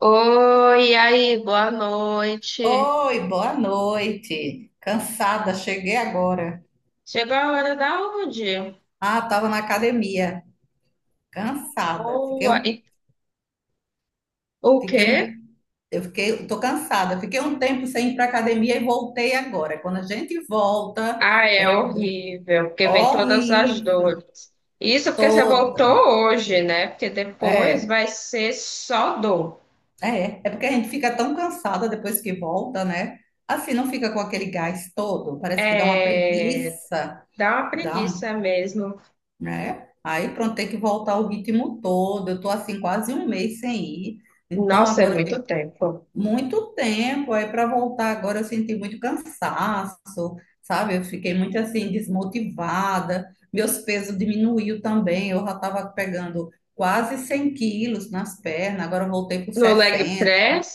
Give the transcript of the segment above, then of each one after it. Oi, e aí, boa noite. Oi, boa noite. Cansada, cheguei agora. Chegou a hora da onde? Ah, estava na academia, cansada. Boa. O Fiquei um, quê? eu fiquei, tô cansada. Fiquei um tempo sem ir para academia e voltei agora. Quando a gente volta, Ah, é é horrível, porque vem todas as horrível dores. Isso porque você voltou toda. hoje, né? Porque depois É, vai ser só dor. é, é porque a gente fica tão cansada depois que volta, né? Assim não fica com aquele gás todo, parece que dá uma É, preguiça, dá uma dá um preguiça mesmo. né? Aí pronto, tem que voltar o ritmo todo. Eu tô assim quase um mês sem ir. Então Nossa, é agora eu tenho muito tempo. muito tempo aí para voltar. Agora eu senti muito cansaço, sabe? Eu fiquei muito assim desmotivada. Meus pesos diminuiu também. Eu já estava pegando quase 100 quilos nas pernas. Agora eu voltei para No leg 60. press?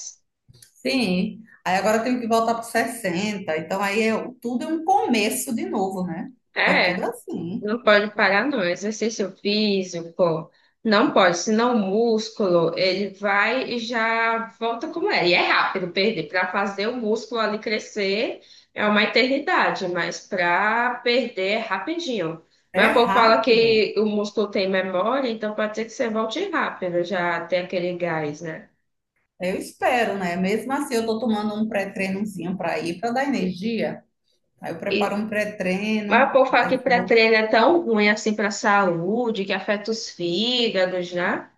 Sim. Aí agora eu tenho que voltar para 60. Então aí é tudo é um começo de novo, né? É tudo É. assim. Não pode parar, não. Exercício físico, não pode, senão o músculo, ele vai e já volta como era. E é rápido perder. Para fazer o músculo ali crescer é uma eternidade, mas para perder é rapidinho. É Mas o povo fala rápido. que o músculo tem memória, então pode ser que você volte rápido, já tem aquele gás, né? Eu espero, né? Mesmo assim, eu tô tomando um pré-treinozinho para ir, para dar energia. Aí eu preparo E, um mas o pré-treino, povo fala que aí vou. pré-treino é tão ruim assim para a saúde, que afeta os fígados, né?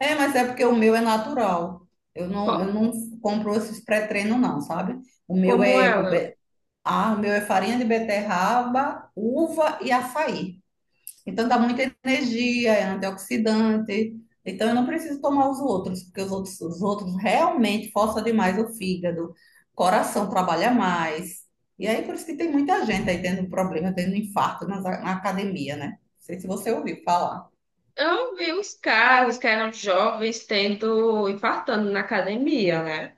É, mas é porque o meu é natural. Eu Co- não, eu não compro esses pré-treinos, não, sabe? O meu Como é, com é? be- o meu é farinha de beterraba, uva e açaí. Então dá muita energia, é antioxidante. Então eu não preciso tomar os outros, porque os outros realmente forçam demais o fígado, o coração trabalha mais. E aí por isso que tem muita gente aí tendo problema, tendo infarto na academia, né? Não sei se você ouviu falar. Eu vi os caras que eram jovens tendo, infartando na academia, né?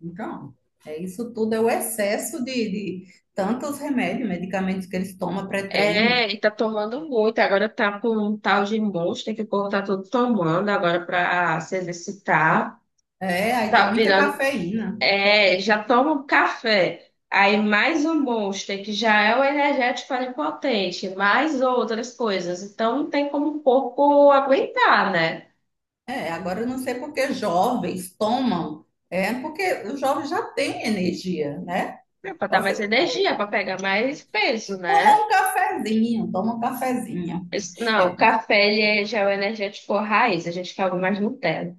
Então, é isso tudo é o excesso de tantos remédios, medicamentos que eles tomam pré-treino. É, e tá tomando muito. Agora tá com um tal de Monster que o povo tá tudo tomando agora pra se exercitar. É, aí tem Tá muita virando. cafeína. É, já toma um café. Aí mais um Monster, que já é o energético onipotente, mais outras coisas. Então não tem como o corpo aguentar, né? É, agora eu não sei porque jovens tomam, é porque o jovem já tem energia, né? É, pra dar mais Você energia, pra pegar mais peso, né? toma um cafezinho, toma um cafezinho. Não, o É, café ele é, já é o energético raiz, a gente quer algo mais Nutella.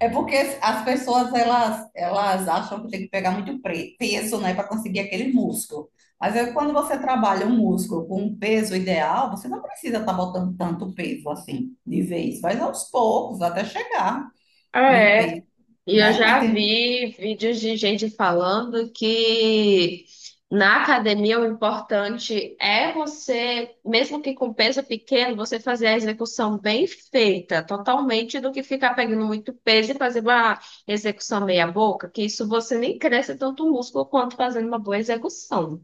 é porque as pessoas elas, elas acham que tem que pegar muito peso, né, para conseguir aquele músculo. Mas é quando você trabalha um músculo com um peso ideal, você não precisa estar botando tanto peso assim de vez, vai aos poucos até chegar Ah, num é. peso, E eu né? Mas já tem. vi vídeos de gente falando que na academia o importante é você, mesmo que com peso pequeno, você fazer a execução bem feita, totalmente, do que ficar pegando muito peso e fazer uma execução meia boca, que isso você nem cresce tanto o músculo quanto fazendo uma boa execução.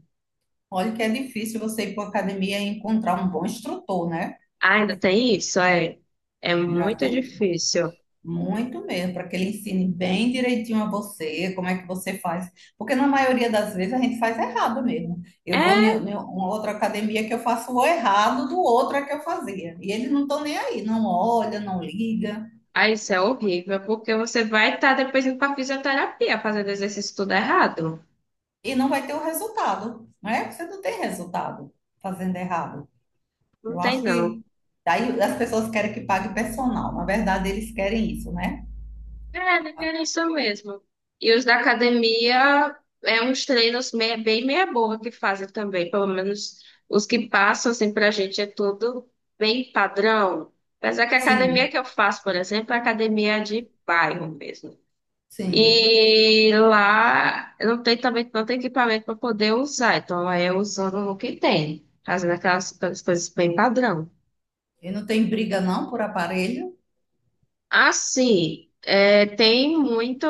Olha que é difícil você ir para a academia e encontrar um bom instrutor, né? Ah, ainda tem isso? É, é Já muito tem difícil. muito mesmo, para que ele ensine bem direitinho a você, como é que você faz. Porque na maioria das vezes a gente faz errado mesmo. Eu vou em É. em uma outra academia que eu faço o errado do outro é que eu fazia. E eles não estão nem aí, não olha, não liga, Ah, isso é horrível, porque você vai estar depois indo para fisioterapia fazendo exercício tudo errado. e não vai ter o resultado, né? Você não tem resultado fazendo errado. Não Eu tem, acho não. que daí as pessoas querem que pague personal. Na verdade, eles querem isso, né? É, não tem isso mesmo. E os da academia é uns treinos bem meia boca que fazem também. Pelo menos os que passam assim pra gente é tudo bem padrão. Apesar que a academia Sim. que eu faço, por exemplo, é academia de bairro mesmo. Sim. E lá não tem, também não tem equipamento para poder usar, então lá é usando o que tem, fazendo aquelas coisas bem padrão. E não tem briga não por aparelho? Assim, é, tem muito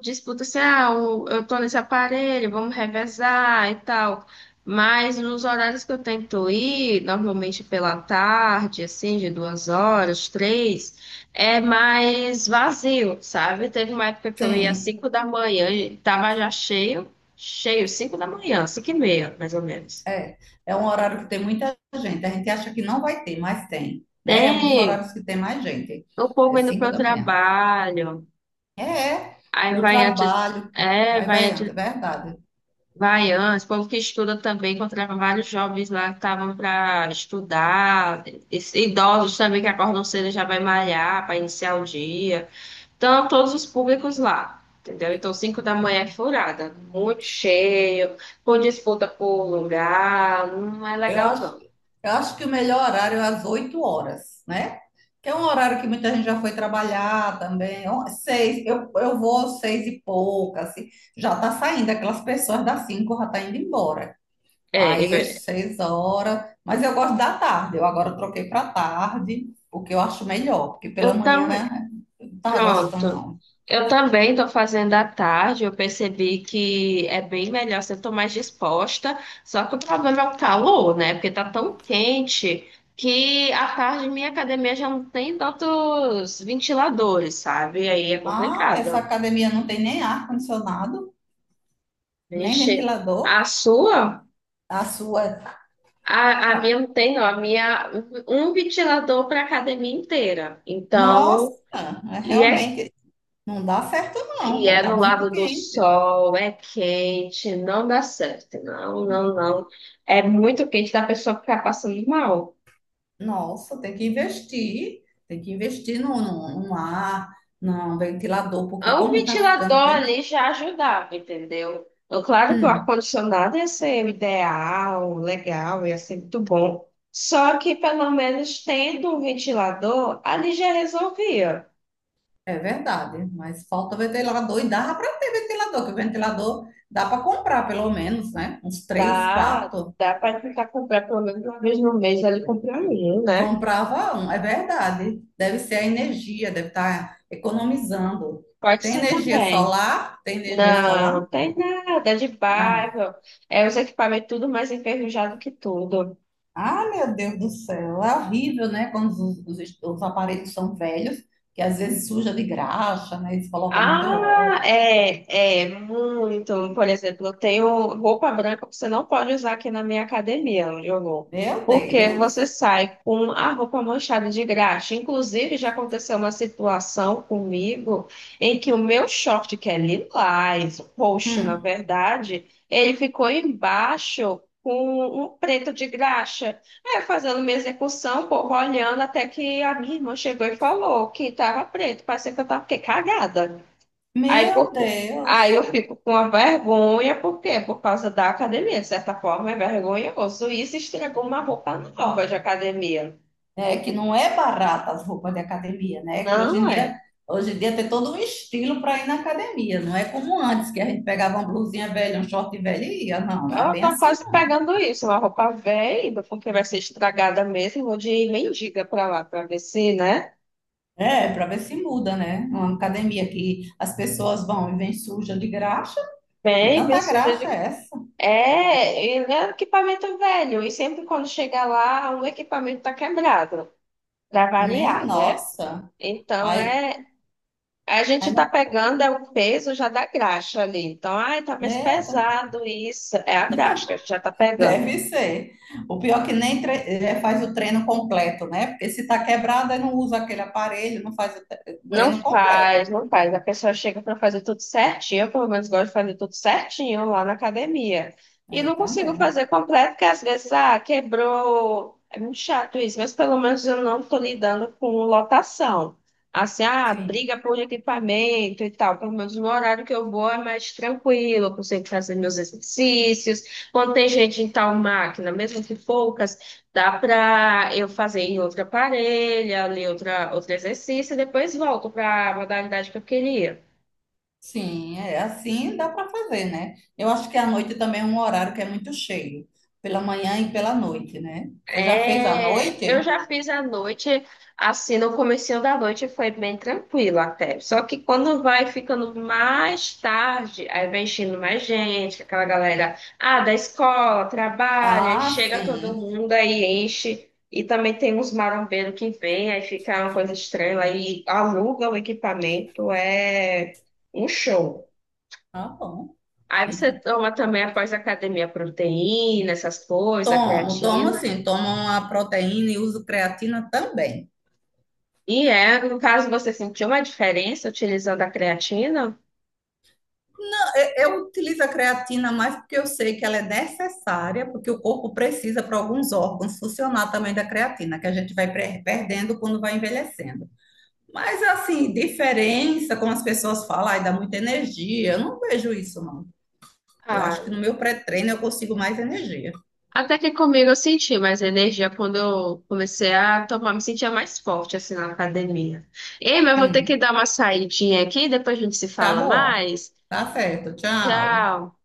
disputa assim, ah, eu tô nesse aparelho, vamos revezar e tal. Mas nos horários que eu tento ir, normalmente pela tarde, assim, de 2 horas, três, é mais vazio, sabe? Teve uma época que eu ia às Sim. 5 da manhã e tava já cheio, cheio, 5 da manhã, 5h30, mais ou menos. É, é um horário que tem muita gente. A gente acha que não vai ter, mas tem, né? É um dos Tem horários que tem mais gente. o É povo indo cinco para o da manhã. trabalho, É, é. aí Do vai antes. trabalho. É, Vai, vai vai, antes. anda, é verdade. Baiana, esse povo que estuda também, encontrava vários jovens lá que estavam para estudar, esses idosos também que acordam cedo e já vai malhar para iniciar o dia. Então, todos os públicos lá, entendeu? Então, 5 da manhã é furada, muito cheio, com disputa por lugar, não é Eu legal acho, não. eu acho que o melhor horário é às 8 horas, né? Que é um horário que muita gente já foi trabalhar também. Eu vou às 6 e pouca, assim. Já tá saindo, aquelas pessoas das 5 já tá indo embora. É, Aí às é, 6 horas, mas eu gosto da tarde. Eu agora troquei para tarde, porque eu acho melhor, porque pela eu manhã também. eu não tava gostando, Pronto. não. Eu também estou fazendo à tarde. Eu percebi que é bem melhor, se eu estou mais disposta. Só que o problema é o calor, né? Porque tá tão quente que à tarde minha academia já não tem tantos ventiladores, sabe? Aí é Ah, essa complicado. academia não tem nem ar-condicionado, nem Vixe, a ventilador. sua? A sua, A minha não tem, não. A minha, um ventilador para a academia inteira. nossa, Então, é e é realmente não dá certo, não, e pô, é tá no muito lado do quente. sol, é quente, não dá certo. Não, não, não. É muito quente, da pessoa ficar passando mal. Nossa, tem que investir num no, no, no ar, no ventilador, porque Um como está ventilador ficando quente. ali já ajudava, entendeu? Então, claro que o hum, ar-condicionado ia ser o ideal, legal, ia ser muito bom. Só que pelo menos tendo um ventilador, ali já resolvia. É verdade, mas falta ventilador e dava para ter ventilador, que o ventilador dá para comprar pelo menos, né? Uns três, Dá, quatro. dá para tentar comprar pelo menos uma vez no mês ali, comprar um, né? Comprava um, é verdade. Deve ser a energia, deve estar economizando. Pode Tem ser energia também. solar? Tem energia solar? Não, tem nada, é de Ah, bairro. É, os equipamentos tudo mais enferrujado que tudo. ah, meu Deus do céu, é horrível, né? Quando os aparelhos são velhos, que às vezes suja de graxa, né? Eles colocam muito Ah, óleo. é, é, muito. Por exemplo, eu tenho roupa branca que você não pode usar aqui na minha academia, onde eu vou. Meu Porque você Deus. sai com a roupa manchada de graxa. Inclusive, já aconteceu uma situação comigo em que o meu short, que é lilás, roxo, na Hum. verdade, ele ficou embaixo com um preto de graxa. Aí, eu fazendo minha execução, o povo olhando, até que a minha irmã chegou e falou que estava preto. Parecia que eu estava cagada. Aí, Meu por- aí eu Deus. fico com a vergonha, por quê? Por causa da academia, de certa forma, é vergonhoso. Isso estragou uma roupa nova de academia. Né? Que não é barata as roupas de academia, né? Que hoje Não em dia, é? hoje em dia tem todo um estilo para ir na academia. Não é como antes, que a gente pegava uma blusinha velha, um short velho e ia. Não, não é Eu bem tô assim, quase não. pegando isso, uma roupa velha, porque vai ser estragada mesmo. Vou de mendiga pra lá, pra ver se, né? É, para ver se muda, né? Uma academia que as pessoas vão e vêm suja de graxa. Que Bem, bem tanta suja graxa de. é essa? É, e é um equipamento velho, e sempre quando chega lá, o equipamento tá quebrado, pra Meia variar, né? nossa. Então, Ai, é, a gente ai está não, pegando é o peso já da graxa ali. Então, ai, tá mais merda. pesado isso. É a graxa que a gente já está pegando. Deve ser. O pior é que nem faz o treino completo, né? Porque se tá quebrada, não usa aquele aparelho, não faz o Não treino completo. faz, não faz. A pessoa chega para fazer tudo certinho. Eu, pelo menos, gosto de fazer tudo certinho lá na academia. E Eu não consigo também. fazer completo, porque às vezes, ah, quebrou. É muito chato isso, mas pelo menos eu não estou lidando com lotação. Assim, ah, Sim, briga por equipamento e tal. Pelo menos no horário que eu vou é mais tranquilo, eu consigo fazer meus exercícios. Quando tem gente em tal máquina, mesmo que poucas, dá para eu fazer em outra parelha, ali outra, outro exercício, e depois volto para a modalidade que eu queria. sim, é assim dá para fazer, né? Eu acho que a noite também é um horário que é muito cheio, pela manhã e pela noite, né? Você já fez à É, eu noite? já fiz a noite, assim, no comecinho da noite foi bem tranquilo até. Só que quando vai ficando mais tarde, aí vem enchendo mais gente, aquela galera, ah, da escola, trabalha, e Ah, chega todo sim. mundo, aí enche. E também tem uns marombeiros que vêm, aí fica uma coisa estranha, aí aluga o equipamento, é um show. Tá bom. Aí você toma também após a academia proteína, essas coisas, Tomo, tomo creatina. sim, tomo uma proteína e uso creatina também. E é, no caso, você sentiu uma diferença utilizando a creatina? Eu utilizo a creatina mais porque eu sei que ela é necessária, porque o corpo precisa para alguns órgãos funcionar também da creatina, que a gente vai perdendo quando vai envelhecendo. Mas assim, diferença, como as pessoas falam, ai, dá muita energia. Eu não vejo isso, não. Eu Ah, acho que no meu pré-treino eu consigo mais energia. até que comigo eu senti mais energia quando eu comecei a tomar, me sentia mais forte assim na academia. Ei, mas eu vou ter que Hum. dar uma saidinha aqui, depois a gente se Tá fala bom. mais. Tá certo. Tchau. Tchau.